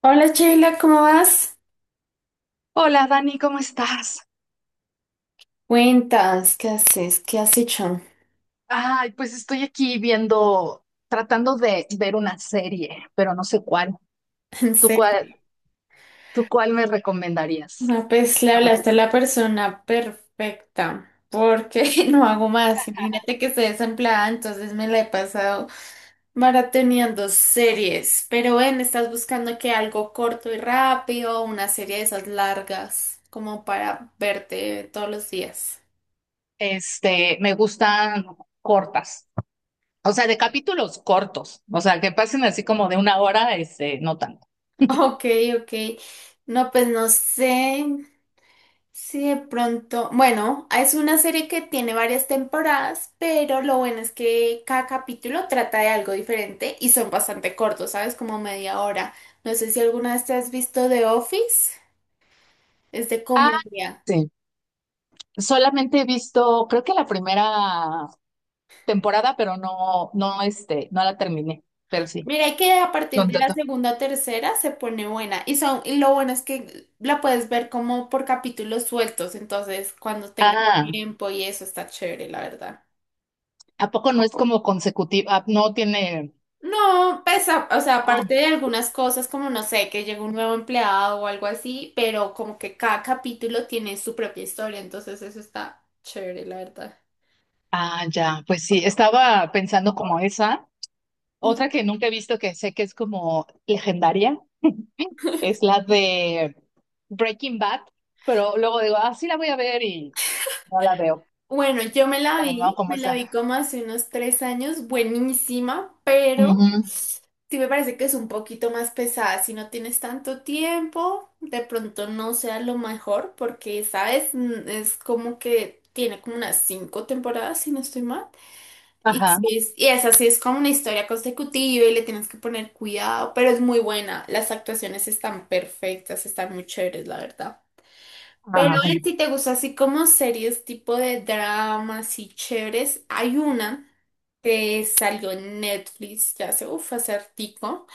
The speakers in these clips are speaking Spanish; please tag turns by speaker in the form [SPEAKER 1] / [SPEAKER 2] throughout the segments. [SPEAKER 1] Hola Sheila, ¿cómo vas?
[SPEAKER 2] Hola Dani, ¿cómo estás?
[SPEAKER 1] Cuentas, ¿qué haces? ¿Qué has hecho?
[SPEAKER 2] Ay, pues estoy aquí viendo, tratando de ver una serie, pero no sé cuál.
[SPEAKER 1] En
[SPEAKER 2] ¿Tú cuál,
[SPEAKER 1] serio.
[SPEAKER 2] tú cuál me recomendarías?
[SPEAKER 1] No, pues le hablaste a la persona perfecta, porque no hago más. Imagínate que estoy desempleada, entonces me la he pasado maratoneando series. Pero ven, estás buscando que algo corto y rápido, una serie de esas largas, como para verte todos los días.
[SPEAKER 2] Me gustan cortas, o sea, de capítulos cortos, o sea, que pasen así como de una hora, no tanto.
[SPEAKER 1] Ok, ok. No, pues no sé. Sí, de pronto, bueno, es una serie que tiene varias temporadas, pero lo bueno es que cada capítulo trata de algo diferente y son bastante cortos, ¿sabes? Como media hora. No sé si alguna vez te has visto The Office, es de
[SPEAKER 2] Ah,
[SPEAKER 1] comedia.
[SPEAKER 2] sí. Solamente he visto, creo que la primera temporada, pero no, no la terminé, pero sí.
[SPEAKER 1] Mira, y que a partir de
[SPEAKER 2] ¿Dónde
[SPEAKER 1] la segunda o tercera se pone buena y lo bueno es que la puedes ver como por capítulos sueltos, entonces cuando tengas
[SPEAKER 2] Ah.
[SPEAKER 1] tiempo y eso está chévere, la verdad.
[SPEAKER 2] ¿A poco no es como consecutiva? No tiene.
[SPEAKER 1] No, pesa, o sea,
[SPEAKER 2] Oh,
[SPEAKER 1] aparte de algunas cosas como, no sé, que llegó un nuevo empleado o algo así, pero como que cada capítulo tiene su propia historia, entonces eso está chévere, la verdad.
[SPEAKER 2] ah, ya, pues sí, estaba pensando como esa. Otra que nunca he visto que sé que es como legendaria es la de Breaking Bad, pero luego digo, ah, sí la voy a ver y no la veo.
[SPEAKER 1] Bueno, yo me la
[SPEAKER 2] Pero no,
[SPEAKER 1] vi,
[SPEAKER 2] como
[SPEAKER 1] me la vi
[SPEAKER 2] esa.
[SPEAKER 1] como hace unos 3 años, buenísima, pero
[SPEAKER 2] Ujú.
[SPEAKER 1] sí me parece que es un poquito más pesada. Si no tienes tanto tiempo, de pronto no sea lo mejor, porque, ¿sabes? Es como que tiene como unas 5 temporadas, si no estoy mal. Y, sí
[SPEAKER 2] Ajá.
[SPEAKER 1] es, y esa sí es como una historia consecutiva y le tienes que poner cuidado, pero es muy buena. Las actuaciones están perfectas, están muy chéveres, la verdad. Pero
[SPEAKER 2] Ay.
[SPEAKER 1] en si te gusta así como series tipo de dramas y chéveres, hay una que salió en Netflix ya hace, uff, hace hartico.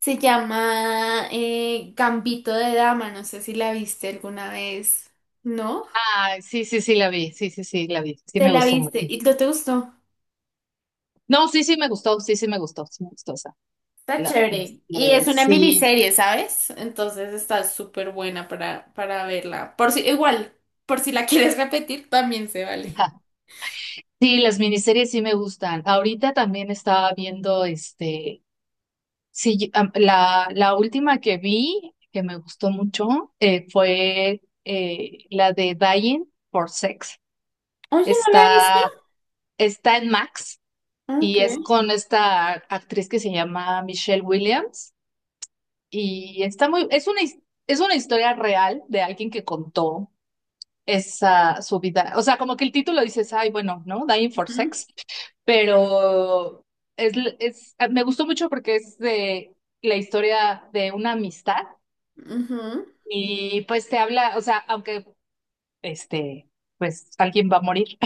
[SPEAKER 1] Se llama Gambito de Dama, no sé si la viste alguna vez, ¿no?
[SPEAKER 2] Ay, sí, sí, sí la vi, sí, sí, sí la vi, sí
[SPEAKER 1] ¿Te
[SPEAKER 2] me
[SPEAKER 1] la
[SPEAKER 2] gustó
[SPEAKER 1] viste
[SPEAKER 2] mucho.
[SPEAKER 1] y no te gustó?
[SPEAKER 2] No, sí, sí me gustó, sí, sí me gustó esa.
[SPEAKER 1] Está chévere. Y es una
[SPEAKER 2] Sí.
[SPEAKER 1] miniserie, ¿sabes? Entonces está súper buena para verla. Por si la quieres repetir, también se vale.
[SPEAKER 2] Sí, las miniseries sí me gustan. Ahorita también estaba viendo sí, la última que vi, que me gustó mucho, fue la de Dying for Sex.
[SPEAKER 1] Oye, ¿no la he visto?
[SPEAKER 2] Está, está en Max y
[SPEAKER 1] Okay.
[SPEAKER 2] es con esta actriz que se llama Michelle Williams y está muy, es una, es una historia real de alguien que contó esa su vida. O sea, como que el título dices, ay, bueno, ¿no? Dying for
[SPEAKER 1] Ujú,
[SPEAKER 2] Sex, pero es, es, ah, me gustó mucho porque es de la historia de una amistad
[SPEAKER 1] ujú.
[SPEAKER 2] y pues te habla, o sea, aunque este, pues alguien va a morir.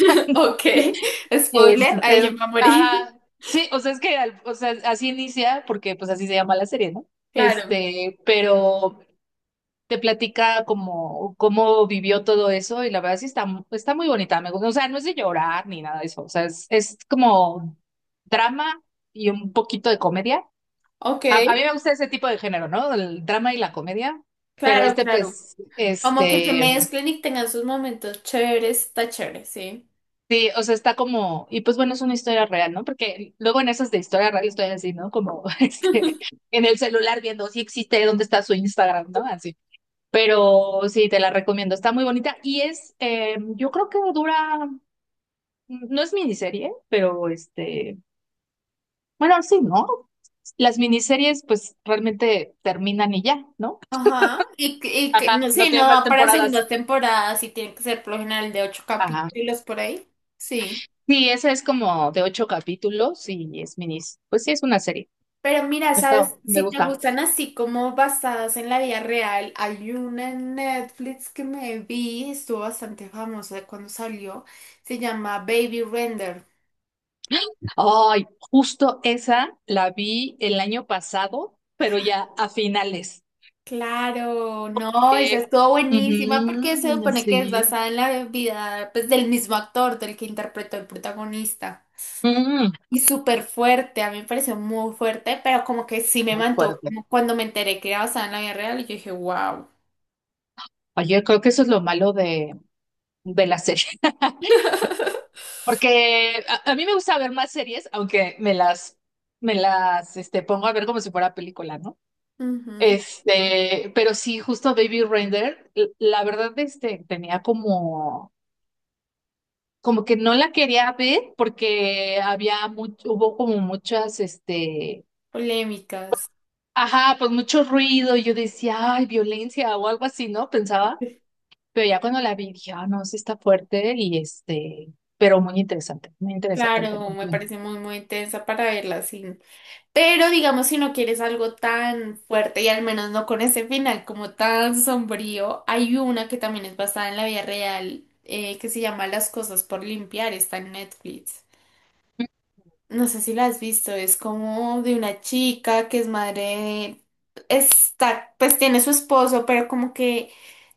[SPEAKER 1] Ok. Spoiler, ahí
[SPEAKER 2] este,
[SPEAKER 1] yo me voy a morir.
[SPEAKER 2] ah, sí, o sea, es que, o sea, así inicia porque pues así se llama la serie, ¿no?
[SPEAKER 1] Claro.
[SPEAKER 2] Pero te platica como cómo vivió todo eso y la verdad sí está, está muy bonita, me gusta, o sea, no es de llorar ni nada de eso, o sea, es como drama y un poquito de comedia.
[SPEAKER 1] Ok.
[SPEAKER 2] A mí me gusta ese tipo de género, ¿no? El drama y la comedia, pero
[SPEAKER 1] Claro, claro. Como que se mezclen y tengan sus momentos chéveres, está chévere, sí.
[SPEAKER 2] sí, o sea, está como, y pues bueno, es una historia real, ¿no? Porque luego en esas de historia real estoy así, ¿no? Como en el celular viendo si existe, dónde está su Instagram, ¿no? Así. Pero sí, te la recomiendo, está muy bonita y es, yo creo que dura, no es miniserie, pero bueno, sí, ¿no? Las miniseries pues realmente terminan y ya, ¿no?
[SPEAKER 1] Ajá. Y, que
[SPEAKER 2] Ajá,
[SPEAKER 1] no
[SPEAKER 2] no
[SPEAKER 1] sé,
[SPEAKER 2] tiene
[SPEAKER 1] no
[SPEAKER 2] más
[SPEAKER 1] va para segunda
[SPEAKER 2] temporadas.
[SPEAKER 1] temporada, sí tiene que ser por lo general de ocho
[SPEAKER 2] Ajá.
[SPEAKER 1] capítulos por ahí. Sí.
[SPEAKER 2] Sí, esa es como de 8 capítulos y es minis. Pues sí, es una serie.
[SPEAKER 1] Pero mira,
[SPEAKER 2] Está,
[SPEAKER 1] ¿sabes?
[SPEAKER 2] me
[SPEAKER 1] Si te
[SPEAKER 2] gusta.
[SPEAKER 1] gustan así como basadas en la vida real, hay una en Netflix que me vi, estuvo bastante famosa cuando salió, se llama Baby Render.
[SPEAKER 2] Ay, justo esa la vi el año pasado, pero ya a finales.
[SPEAKER 1] Claro, no, esa
[SPEAKER 2] Eh,
[SPEAKER 1] estuvo buenísima porque se
[SPEAKER 2] ujú,
[SPEAKER 1] supone que es
[SPEAKER 2] sí.
[SPEAKER 1] basada en la vida pues, del mismo actor, del que interpretó el protagonista.
[SPEAKER 2] Mm,
[SPEAKER 1] Y súper fuerte, a mí me pareció muy fuerte, pero como que sí me
[SPEAKER 2] muy
[SPEAKER 1] mantuvo,
[SPEAKER 2] fuerte.
[SPEAKER 1] como cuando me enteré que era basada en la vida real, y yo dije, wow.
[SPEAKER 2] Oye, creo que eso es lo malo de la serie. Porque a mí me gusta ver más series, aunque me las pongo a ver como si fuera película, ¿no? Pero sí, justo Baby Render, la verdad, tenía como, como que no la quería ver porque había mucho, hubo como muchas,
[SPEAKER 1] Polémicas.
[SPEAKER 2] ajá, pues mucho ruido. Y yo decía, ay, violencia o algo así, ¿no? Pensaba, pero ya cuando la vi dije, ah, no, sí está fuerte y pero muy interesante el tema.
[SPEAKER 1] Claro, me parece muy, muy intensa para verla así. Pero digamos, si no quieres algo tan fuerte y al menos no con ese final como tan sombrío, hay una que también es basada en la vida real que se llama Las cosas por limpiar, está en Netflix. No sé si la has visto, es como de una chica que es madre de... Está, pues tiene su esposo, pero como que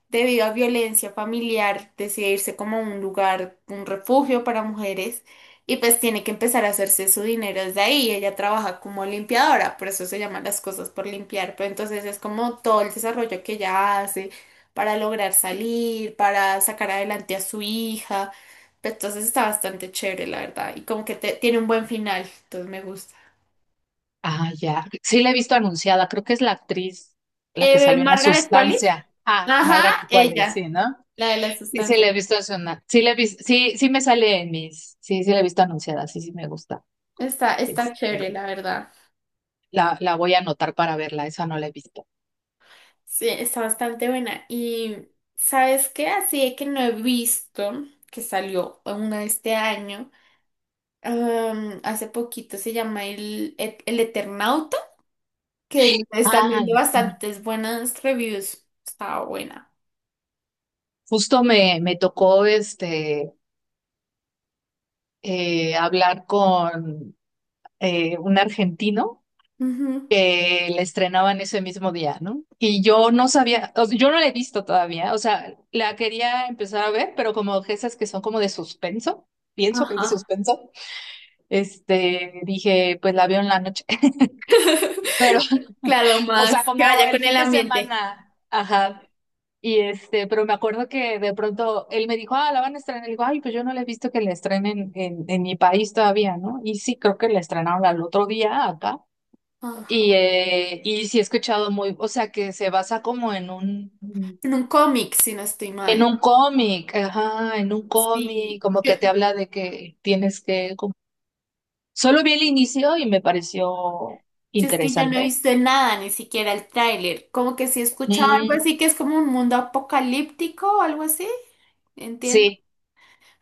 [SPEAKER 1] debido a violencia familiar, decide irse como a un lugar, un refugio para mujeres, y pues tiene que empezar a hacerse su dinero desde ahí. Ella trabaja como limpiadora, por eso se llaman las cosas por limpiar, pero entonces es como todo el desarrollo que ella hace para lograr salir, para sacar adelante a su hija. Pues, entonces está bastante chévere, la verdad, y como que tiene un buen final, entonces me gusta.
[SPEAKER 2] Ah, ya, sí la he visto anunciada, creo que es la actriz, la que salió en La
[SPEAKER 1] Margaret Qualley.
[SPEAKER 2] Sustancia. Ah,
[SPEAKER 1] Ajá,
[SPEAKER 2] Margaret Qualley, sí,
[SPEAKER 1] ella,
[SPEAKER 2] ¿no?
[SPEAKER 1] la de las
[SPEAKER 2] Sí, sí la
[SPEAKER 1] sustancias.
[SPEAKER 2] he visto anunciada. Sí, sí, sí me sale en mis, sí, sí la he visto anunciada, sí, sí me gusta.
[SPEAKER 1] Está, está chévere,
[SPEAKER 2] Este,
[SPEAKER 1] la verdad.
[SPEAKER 2] la voy a anotar para verla, esa no la he visto.
[SPEAKER 1] Sí, está bastante buena. Y ¿sabes qué? Así de que no he visto que salió una este año. Hace poquito se llama El Eternauta, que le están
[SPEAKER 2] Ah,
[SPEAKER 1] viendo
[SPEAKER 2] ya. Ujú.
[SPEAKER 1] bastantes buenas reviews. Estaba buena.
[SPEAKER 2] Justo me tocó hablar con un argentino
[SPEAKER 1] Ujú.
[SPEAKER 2] que la estrenaban ese mismo día, ¿no? Y yo no sabía, o sea, yo no la he visto todavía, o sea, la quería empezar a ver, pero como esas que son como de suspenso, pienso que es
[SPEAKER 1] Ajá.
[SPEAKER 2] de suspenso, dije, pues la veo en la noche. Pero,
[SPEAKER 1] Claro,
[SPEAKER 2] o sea,
[SPEAKER 1] más que
[SPEAKER 2] como
[SPEAKER 1] vaya
[SPEAKER 2] el
[SPEAKER 1] con
[SPEAKER 2] fin
[SPEAKER 1] el
[SPEAKER 2] de
[SPEAKER 1] ambiente.
[SPEAKER 2] semana, ajá. Y pero me acuerdo que de pronto él me dijo, ah, la van a estrenar. Y digo, ay, pues yo no la he visto que la estrenen en mi país todavía, ¿no? Y sí, creo que la estrenaron al otro día acá.
[SPEAKER 1] Ajá.
[SPEAKER 2] Y sí he escuchado muy, o sea, que se basa como
[SPEAKER 1] En un cómic, si no estoy
[SPEAKER 2] en
[SPEAKER 1] mal.
[SPEAKER 2] un cómic, ajá, en un
[SPEAKER 1] Sí.
[SPEAKER 2] cómic, como que te habla de que tienes que, como- Solo vi el inicio y me pareció
[SPEAKER 1] Yo es que yo no he
[SPEAKER 2] interesante.
[SPEAKER 1] visto nada, ni siquiera el tráiler. Como que sí he escuchado algo
[SPEAKER 2] Mm,
[SPEAKER 1] así que es como un mundo apocalíptico o algo así, entiendo.
[SPEAKER 2] sí.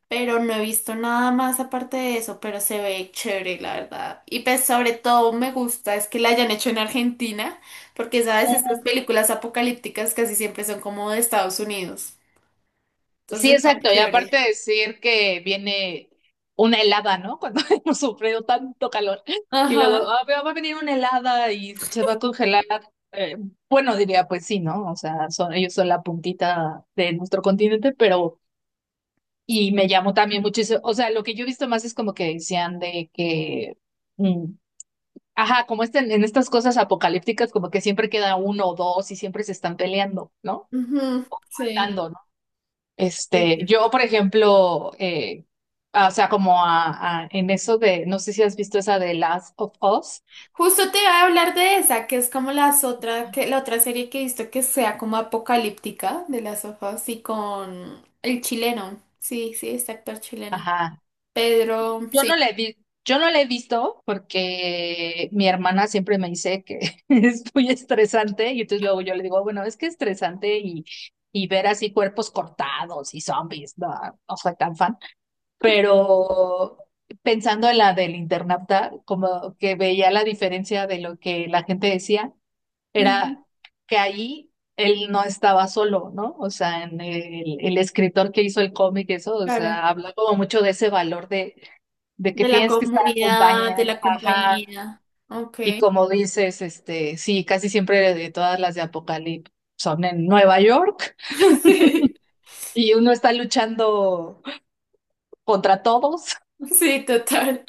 [SPEAKER 1] Pero no he visto nada más aparte de eso, pero se ve chévere, la verdad. Y pues sobre todo me gusta es que la hayan hecho en Argentina, porque sabes, estas películas apocalípticas casi siempre son como de Estados Unidos.
[SPEAKER 2] Sí,
[SPEAKER 1] Entonces está
[SPEAKER 2] exacto. Y aparte
[SPEAKER 1] chévere.
[SPEAKER 2] decir que viene una helada, ¿no? Cuando hemos sufrido tanto calor. Y luego,
[SPEAKER 1] Ajá.
[SPEAKER 2] "Ah, pero va a venir una helada y se va a congelar. Eh, bueno, diría, pues sí, ¿no? O sea, son, ellos son la puntita de nuestro continente, pero... Y me llamó también muchísimo. O sea, lo que yo he visto más es como que decían de que... mm, ajá, como en estas cosas apocalípticas, como que siempre queda uno o dos y siempre se están peleando, ¿no?
[SPEAKER 1] Ujú, sí.
[SPEAKER 2] Matando, yo, por ejemplo, ah, o sea, como en eso de, no sé si has visto esa de Last of Us.
[SPEAKER 1] Justo te iba a hablar de esa, que es como las otra, que, la otra serie que he visto que sea como apocalíptica de las hojas y con el chileno. Sí, sí, este actor chileno.
[SPEAKER 2] Ajá.
[SPEAKER 1] Pedro,
[SPEAKER 2] Yo no la
[SPEAKER 1] sí.
[SPEAKER 2] he vi- yo no la he visto porque mi hermana siempre me dice que es muy estresante y entonces luego yo le digo, bueno, es que es estresante y ver así cuerpos cortados y zombies, no, no soy tan fan. Pero pensando en la del internauta, como que veía la diferencia de lo que la gente decía.
[SPEAKER 1] Ujú,
[SPEAKER 2] Era que ahí él no estaba solo, ¿no? O sea, el escritor que hizo el cómic, eso, o
[SPEAKER 1] claro.
[SPEAKER 2] sea, habla como mucho de ese valor de que
[SPEAKER 1] De la
[SPEAKER 2] tienes que estar
[SPEAKER 1] comunidad, de
[SPEAKER 2] acompañada,
[SPEAKER 1] la
[SPEAKER 2] ajá,
[SPEAKER 1] compañía. Ok.
[SPEAKER 2] y como dices, sí, casi siempre de todas las de Apocalipsis son en Nueva York
[SPEAKER 1] Sí,
[SPEAKER 2] y uno está luchando contra todos.
[SPEAKER 1] sí, total.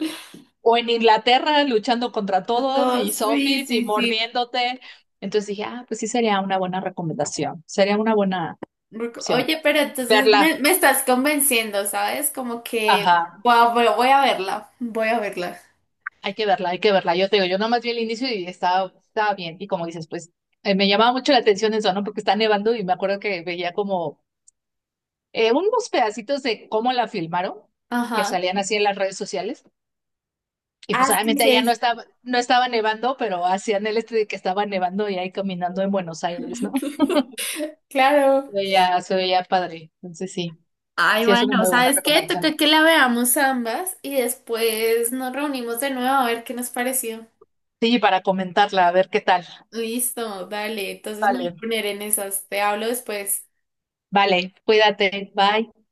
[SPEAKER 2] O en Inglaterra luchando contra todos y
[SPEAKER 1] Todos, sí,
[SPEAKER 2] zombies y
[SPEAKER 1] sí, sí.
[SPEAKER 2] mordiéndote. Entonces dije, ah, pues sí sería una buena recomendación, sería una buena opción
[SPEAKER 1] Oye, pero entonces me,
[SPEAKER 2] verla.
[SPEAKER 1] me estás convenciendo, ¿sabes? Como que
[SPEAKER 2] Ajá,
[SPEAKER 1] voy a verla, voy a verla.
[SPEAKER 2] hay que verla, hay que verla. Yo te digo, yo nomás vi el inicio y estaba bien. Y como dices, pues me llamaba mucho la atención eso, ¿no? Porque está nevando y me acuerdo que veía como unos pedacitos de cómo la filmaron, que
[SPEAKER 1] Ajá.
[SPEAKER 2] salían así en las redes sociales. Y
[SPEAKER 1] Ah,
[SPEAKER 2] pues
[SPEAKER 1] sí,
[SPEAKER 2] obviamente
[SPEAKER 1] sí, he
[SPEAKER 2] allá no
[SPEAKER 1] visto.
[SPEAKER 2] estaba, no estaba nevando, pero hacían el este de que estaba nevando y ahí caminando en Buenos Aires, ¿no?
[SPEAKER 1] Claro.
[SPEAKER 2] Se veía padre. Entonces sí,
[SPEAKER 1] Ay,
[SPEAKER 2] sí es una
[SPEAKER 1] bueno,
[SPEAKER 2] muy buena
[SPEAKER 1] ¿sabes qué? Toca
[SPEAKER 2] recomendación.
[SPEAKER 1] que la veamos ambas y después nos reunimos de nuevo a ver qué nos pareció.
[SPEAKER 2] Sí, para comentarla, a ver qué tal.
[SPEAKER 1] Listo, dale. Entonces me voy
[SPEAKER 2] Vale,
[SPEAKER 1] a poner en esas. Te hablo después.
[SPEAKER 2] vale, cuídate, bye.